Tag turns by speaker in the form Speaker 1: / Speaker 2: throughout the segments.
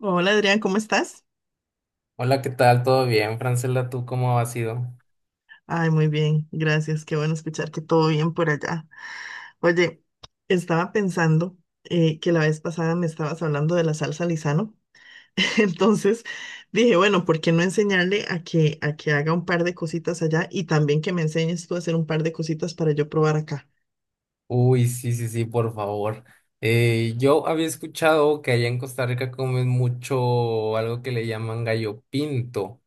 Speaker 1: Hola Adrián, ¿cómo estás?
Speaker 2: Hola, ¿qué tal? ¿Todo bien, Francela? ¿Tú cómo has ido?
Speaker 1: Ay, muy bien, gracias. Qué bueno escuchar que todo bien por allá. Oye, estaba pensando que la vez pasada me estabas hablando de la salsa Lizano. Entonces dije, bueno, ¿por qué no enseñarle a que haga un par de cositas allá y también que me enseñes tú a hacer un par de cositas para yo probar acá?
Speaker 2: Uy, sí, sí, sí, por favor. Yo había escuchado que allá en Costa Rica comen mucho algo que le llaman gallo pinto.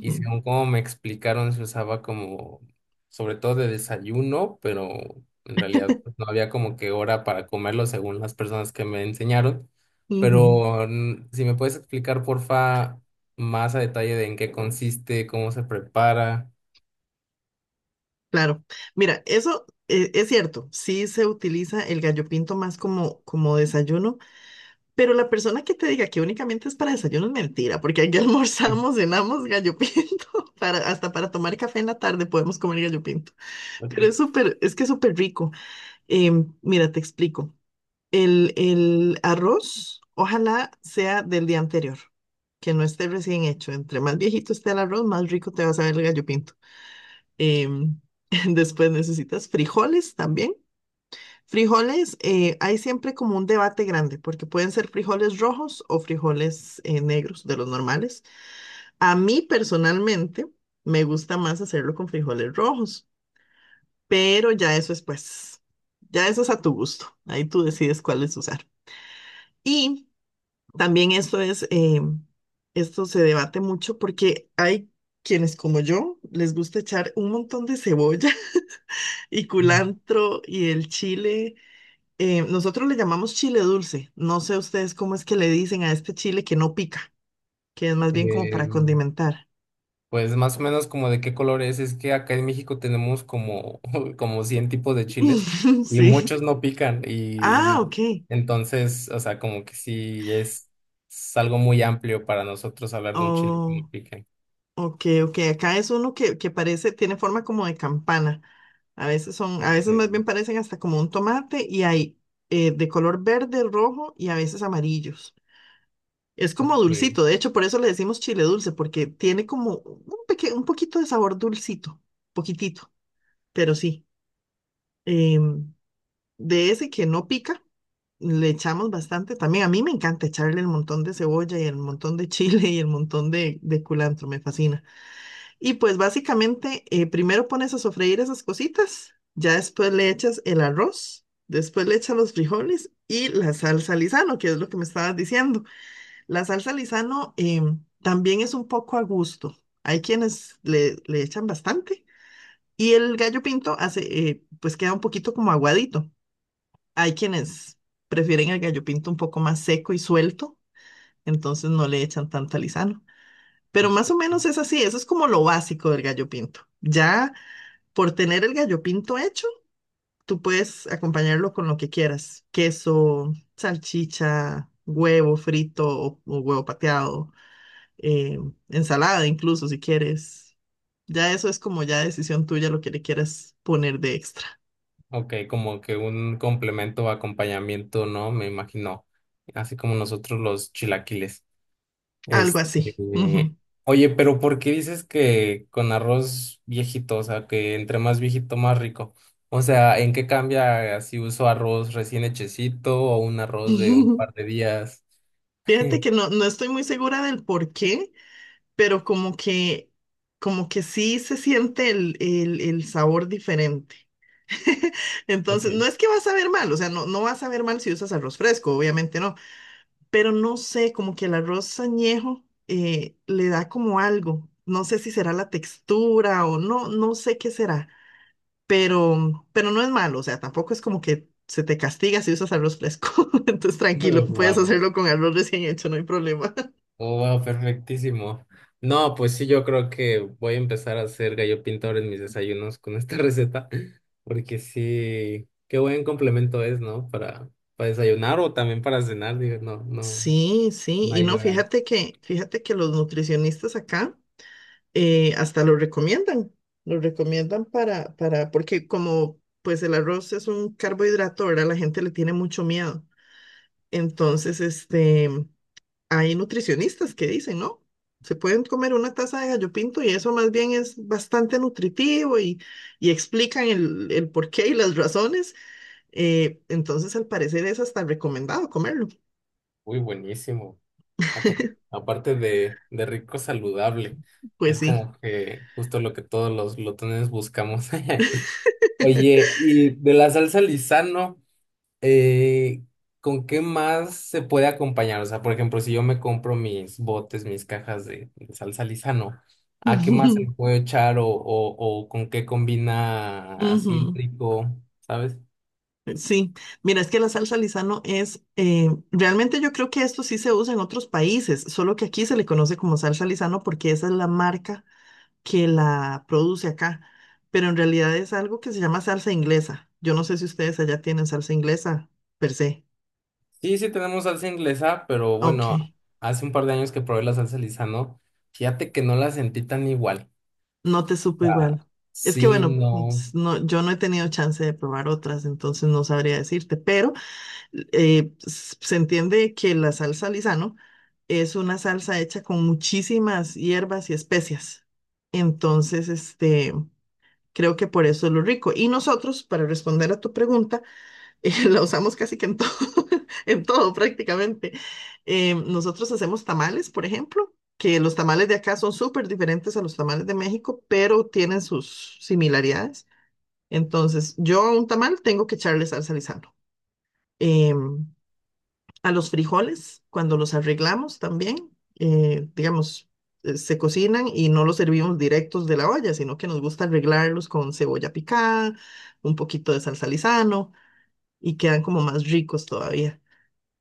Speaker 2: Y según como me explicaron, se usaba como, sobre todo de desayuno, pero en realidad pues, no había como que hora para comerlo según las personas que me enseñaron.
Speaker 1: ujú.
Speaker 2: Pero si me puedes explicar, porfa, más a detalle de en qué consiste, cómo se prepara.
Speaker 1: Claro. Mira, eso es cierto. Sí se utiliza el gallo pinto más como desayuno. Pero la persona que te diga que únicamente es para desayuno es mentira, porque aquí almorzamos, cenamos gallo pinto, hasta para tomar café en la tarde podemos comer gallo pinto. Pero es
Speaker 2: Ok.
Speaker 1: es que es súper rico. Mira, te explico. El arroz, ojalá sea del día anterior, que no esté recién hecho. Entre más viejito esté el arroz, más rico te va a saber el gallo pinto. Em, Después necesitas frijoles también. Frijoles, hay siempre como un debate grande, porque pueden ser frijoles rojos o frijoles negros, de los normales. A mí personalmente me gusta más hacerlo con frijoles rojos, pero ya eso es ya eso es a tu gusto. Ahí tú decides cuáles usar. Y también esto es, esto se debate mucho porque hay quienes como yo les gusta echar un montón de cebolla y culantro y el chile. Nosotros le llamamos chile dulce. No sé ustedes cómo es que le dicen a este chile que no pica, que es más bien como
Speaker 2: Eh,
Speaker 1: para condimentar.
Speaker 2: pues más o menos como de qué color es que acá en México tenemos como, como 100 tipos de chiles y
Speaker 1: Sí.
Speaker 2: muchos no pican y,
Speaker 1: Ah,
Speaker 2: y
Speaker 1: ok.
Speaker 2: entonces, o sea, como que sí es algo muy amplio para nosotros hablar de un chile que no
Speaker 1: Oh,
Speaker 2: pique.
Speaker 1: ok, ok. Acá es uno que parece, tiene forma como de campana. A
Speaker 2: Ok,
Speaker 1: veces más bien parecen hasta como un tomate y hay de color verde, rojo y a veces amarillos. Es como
Speaker 2: ok,
Speaker 1: dulcito, de hecho, por eso le decimos chile dulce, porque tiene como un un poquito de sabor dulcito, poquitito, pero sí. Em, de ese que no pica, le echamos bastante. También a mí me encanta echarle el montón de cebolla y el montón de chile y el montón de culantro, me fascina. Y pues básicamente, primero pones a sofreír esas cositas, ya después le echas el arroz, después le echas los frijoles y la salsa Lizano, que es lo que me estabas diciendo. La salsa Lizano también es un poco a gusto. Hay quienes le echan bastante. Y el gallo pinto hace, pues queda un poquito como aguadito. Hay quienes prefieren el gallo pinto un poco más seco y suelto, entonces no le echan tanta lisano. Pero
Speaker 2: o-
Speaker 1: más o menos es así, eso es como lo básico del gallo pinto. Ya por tener el gallo pinto hecho, tú puedes acompañarlo con lo que quieras, queso, salchicha, huevo frito o huevo pateado, eh, ensalada incluso si quieres. Ya eso es como ya decisión tuya lo que le quieras poner de extra,
Speaker 2: ok, como que un complemento o acompañamiento, ¿no? Me imagino, así como nosotros los chilaquiles.
Speaker 1: algo así.
Speaker 2: Este,
Speaker 1: Ujú.
Speaker 2: Oye, pero ¿por qué dices que con arroz viejito, o sea, que entre más viejito más rico? O sea, ¿en qué cambia si uso arroz recién hechecito o un arroz de un par de días?
Speaker 1: Fíjate que no, no estoy muy segura del por qué, pero como que sí se siente el sabor diferente.
Speaker 2: Ok.
Speaker 1: Entonces, no es que vas a ver mal, o sea, no, no vas a ver mal si usas arroz fresco, obviamente no, pero no sé, como que el arroz añejo le da como algo. No sé si será la textura o no, no sé qué será, pero no es malo, o sea, tampoco es como que se te castiga si usas arroz fresco. Entonces, tranquilo, puedes
Speaker 2: Wow.
Speaker 1: hacerlo con arroz recién hecho, no hay problema.
Speaker 2: Wow, perfectísimo. No, pues sí, yo creo que voy a empezar a hacer gallo pintor en mis desayunos con esta receta, porque sí, qué buen complemento es, ¿no? Para desayunar o también para cenar, digo, no, no,
Speaker 1: Sí, sí,
Speaker 2: no
Speaker 1: y
Speaker 2: hay
Speaker 1: no,
Speaker 2: hora.
Speaker 1: fíjate fíjate que los nutricionistas acá hasta lo recomiendan para, porque como pues el arroz es un carbohidrato, ¿verdad? La gente le tiene mucho miedo. Entonces, este, hay nutricionistas que dicen, ¿no? Se pueden comer una taza de gallo pinto y eso más bien es bastante nutritivo y explican el porqué y las razones. Entonces, al parecer es hasta recomendado comerlo.
Speaker 2: Uy, buenísimo. Apar- Aparte de, rico, saludable.
Speaker 1: Pues
Speaker 2: Es
Speaker 1: sí.
Speaker 2: como que justo lo que todos los glotones buscamos. Oye, y de la salsa Lizano, eh, ¿con qué más se puede acompañar? O sea, por ejemplo, si yo me compro mis botes, mis cajas de salsa Lizano, ¿a qué más se le puede echar o con qué combina así
Speaker 1: Ujú.
Speaker 2: rico? ¿Sabes?
Speaker 1: Sí, mira, es que la salsa Lizano realmente yo creo que esto sí se usa en otros países, solo que aquí se le conoce como salsa Lizano porque esa es la marca que la produce acá, pero en realidad es algo que se llama salsa inglesa. Yo no sé si ustedes allá tienen salsa inglesa per se.
Speaker 2: Sí, sí tenemos salsa inglesa, pero
Speaker 1: Ok,
Speaker 2: bueno, hace un par de años que probé la salsa Lizano, fíjate que no la sentí tan igual.
Speaker 1: no te
Speaker 2: O
Speaker 1: supo
Speaker 2: sea,
Speaker 1: igual. Es que
Speaker 2: sí,
Speaker 1: bueno,
Speaker 2: no.
Speaker 1: no, yo no he tenido chance de probar otras, entonces no sabría decirte, pero... se entiende que la salsa Lizano es una salsa hecha con muchísimas hierbas y especias. Entonces, este, creo que por eso es lo rico. Y nosotros, para responder a tu pregunta, la usamos casi que en todo, en todo prácticamente. Nosotros hacemos tamales, por ejemplo, que los tamales de acá son súper diferentes a los tamales de México, pero tienen sus similaridades. Entonces, yo a un tamal tengo que echarle salsa Lizano. Em, a los frijoles cuando los arreglamos también. Digamos, se cocinan y no los servimos directos de la olla, sino que nos gusta arreglarlos con cebolla picada, un poquito de salsa Lizano y quedan como más ricos todavía.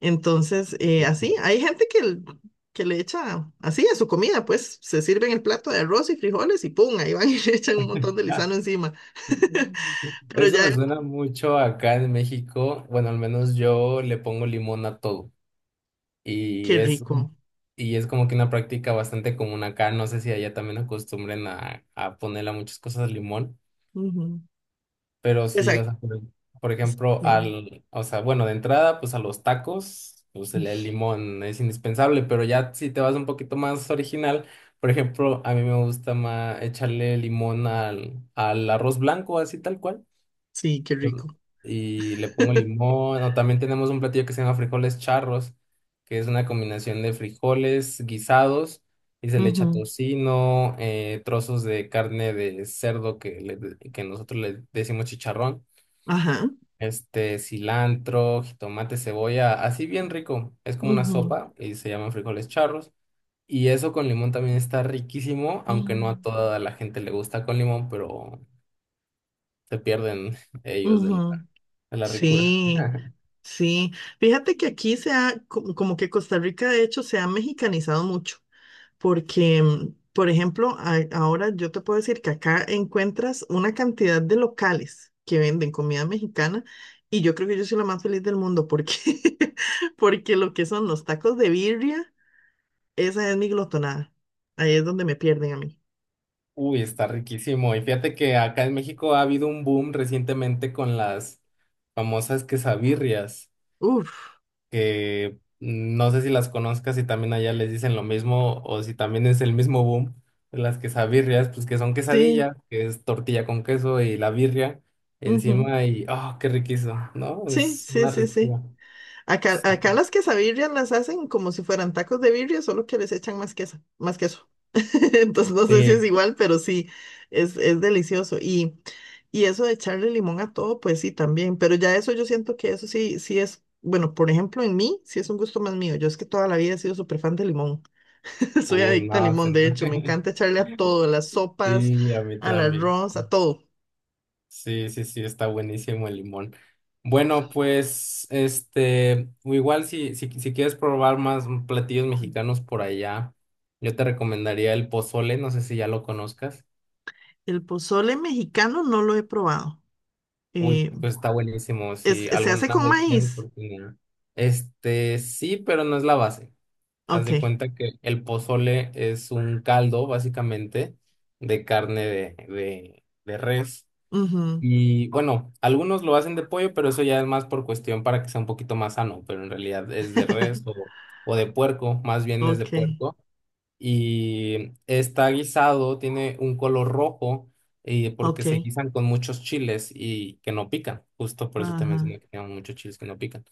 Speaker 1: Entonces,
Speaker 2: Que sí.
Speaker 1: así, hay gente que le echa así a su comida, pues se sirven el plato de arroz y frijoles y ¡pum! Ahí van y le echan un montón de Lizano encima. Pero
Speaker 2: Eso me
Speaker 1: ya,
Speaker 2: suena mucho acá en México. Bueno, al menos yo le pongo limón a todo. Y
Speaker 1: qué
Speaker 2: es,
Speaker 1: rico.
Speaker 2: y es como que una práctica bastante común acá. No sé si allá también acostumbren a, ponerle a muchas cosas limón.
Speaker 1: Ujú.
Speaker 2: Pero sí, o
Speaker 1: Exacto.
Speaker 2: sea, por, ejemplo,
Speaker 1: Sí,
Speaker 2: o sea, bueno, de entrada, pues a los tacos, pues el limón es indispensable, pero ya si te vas un poquito más original, por ejemplo, a mí me gusta más echarle limón al arroz blanco, así tal cual,
Speaker 1: sí, qué
Speaker 2: Ujú.
Speaker 1: rico.
Speaker 2: Y le pongo limón, o también tenemos un platillo que se llama frijoles charros, que es una combinación de frijoles guisados, y se le echa
Speaker 1: Ujú.
Speaker 2: tocino, trozos de carne de cerdo que nosotros le decimos chicharrón,
Speaker 1: Ajá.
Speaker 2: cilantro, jitomate, cebolla, así bien rico. Es como una
Speaker 1: Ujú,
Speaker 2: sopa y se llaman frijoles charros. Y eso con limón también está riquísimo, aunque no a
Speaker 1: mm,
Speaker 2: toda la gente le gusta con limón, pero se pierden ellos de la,
Speaker 1: ujú.
Speaker 2: de la ricura.
Speaker 1: Sí, sí. Fíjate que aquí como que Costa Rica de hecho se ha mexicanizado mucho, porque, mm, por ejemplo, ahora yo te puedo decir que acá encuentras una cantidad de locales que venden comida mexicana y yo creo que yo soy la más feliz del mundo porque, porque lo que son los tacos de birria, esa es mi glotonada. Ahí es donde me pierden a mí.
Speaker 2: Uy, está riquísimo. Y fíjate que acá en México ha habido un boom recientemente con las famosas quesabirrias,
Speaker 1: Uf,
Speaker 2: que no sé si las conozcas, si también allá les dicen lo mismo o si también es el mismo boom, las quesabirrias, pues que son
Speaker 1: sí,
Speaker 2: quesadilla, que es tortilla con queso y la birria
Speaker 1: ujú.
Speaker 2: encima y, oh, qué riquísimo, ¿no?
Speaker 1: Sí,
Speaker 2: Es
Speaker 1: sí,
Speaker 2: una
Speaker 1: sí, sí.
Speaker 2: riqueza.
Speaker 1: Acá, acá las quesabirrias las hacen como si fueran tacos de birria, solo que les echan más queso, más queso. Entonces no sé si es
Speaker 2: Sí.
Speaker 1: igual, pero sí, es delicioso. Y eso de echarle limón a todo, pues sí, también. Pero ya eso yo siento que eso sí, sí es, bueno, por ejemplo, en mí, sí es un gusto más mío. Yo es que toda la vida he sido súper fan de limón. Soy
Speaker 2: Uy,
Speaker 1: adicta al
Speaker 2: no,
Speaker 1: limón, de hecho, me encanta echarle a todo, a las sopas,
Speaker 2: sí, a mí
Speaker 1: al
Speaker 2: también.
Speaker 1: arroz, a todo.
Speaker 2: Sí, sí, sí, está buenísimo el limón. Bueno, pues, o igual si quieres probar más platillos mexicanos por allá, yo te recomendaría el pozole, no sé si ya lo conozcas.
Speaker 1: El pozole mexicano no lo he probado.
Speaker 2: Uy,
Speaker 1: Eh,
Speaker 2: pues está buenísimo, si
Speaker 1: Se
Speaker 2: alguna
Speaker 1: hace con
Speaker 2: vez tienes
Speaker 1: maíz.
Speaker 2: oportunidad. Sí, pero no es la base. Haz de
Speaker 1: Ok.
Speaker 2: cuenta que el pozole es un caldo, básicamente, de carne de, de res.
Speaker 1: Ujú.
Speaker 2: Y bueno, algunos lo hacen de pollo, pero eso ya es más por cuestión para que sea un poquito más sano, pero en realidad es de res o de puerco, más bien es de
Speaker 1: Ok,
Speaker 2: puerco. Y está guisado, tiene un color rojo, y porque
Speaker 1: ok,
Speaker 2: se guisan con muchos chiles y que no pican. Justo por eso te mencioné
Speaker 1: ajá,
Speaker 2: que tienen muchos chiles que no pican.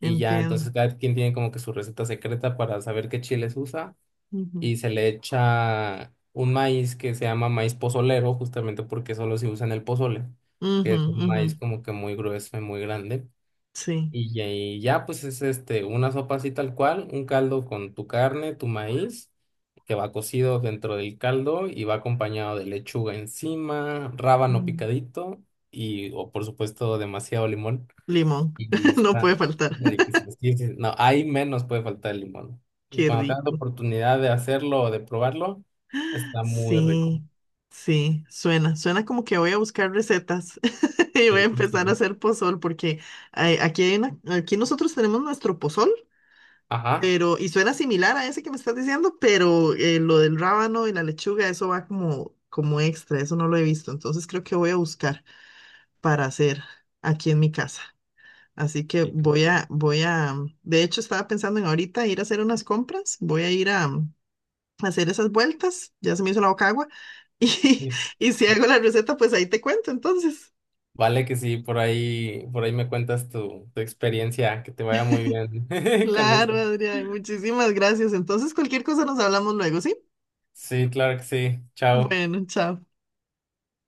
Speaker 2: Y ya entonces
Speaker 1: entiendo.
Speaker 2: cada quien tiene como que su receta secreta para saber qué chiles usa
Speaker 1: Ujú,
Speaker 2: y se le echa un maíz que se llama maíz pozolero, justamente porque solo se usa en el pozole, que
Speaker 1: ujú,
Speaker 2: es un
Speaker 1: ujú.
Speaker 2: maíz como que muy grueso y muy grande.
Speaker 1: Sí,
Speaker 2: Y ya, pues es una sopa así tal cual, un caldo con tu carne, tu maíz, que va cocido dentro del caldo y va acompañado de lechuga encima, rábano
Speaker 1: mm,
Speaker 2: picadito y, o por supuesto, demasiado limón.
Speaker 1: limón,
Speaker 2: Y
Speaker 1: no puede
Speaker 2: está
Speaker 1: faltar.
Speaker 2: riquísimo. Sí, sí, no, ahí menos puede faltar el limón.
Speaker 1: Qué
Speaker 2: Cuando tengas la
Speaker 1: rico.
Speaker 2: oportunidad de hacerlo o de probarlo, está muy rico.
Speaker 1: Sí, sí, suena, suena como que voy a buscar recetas y voy a
Speaker 2: Sí, que sí.
Speaker 1: empezar a hacer pozol porque aquí hay aquí nosotros tenemos nuestro pozol,
Speaker 2: Ajá.
Speaker 1: pero y suena similar a ese que me estás diciendo, pero lo del rábano y la lechuga, eso va como como extra, eso no lo he visto, entonces creo que voy a buscar. Para hacer aquí en mi casa. Así que
Speaker 2: Sí, que sí.
Speaker 1: voy a, de hecho estaba pensando en ahorita ir a hacer unas compras, voy a ir a hacer esas vueltas, ya se me hizo la boca agua, y,
Speaker 2: Sí.
Speaker 1: y si hago la receta, pues ahí te cuento entonces.
Speaker 2: Vale que sí, por ahí me cuentas tu experiencia, que te vaya muy bien con
Speaker 1: Claro,
Speaker 2: esto.
Speaker 1: Adrián, muchísimas gracias. Entonces, cualquier cosa nos hablamos luego, ¿sí?
Speaker 2: Sí, claro que sí. Chao.
Speaker 1: Bueno, chao.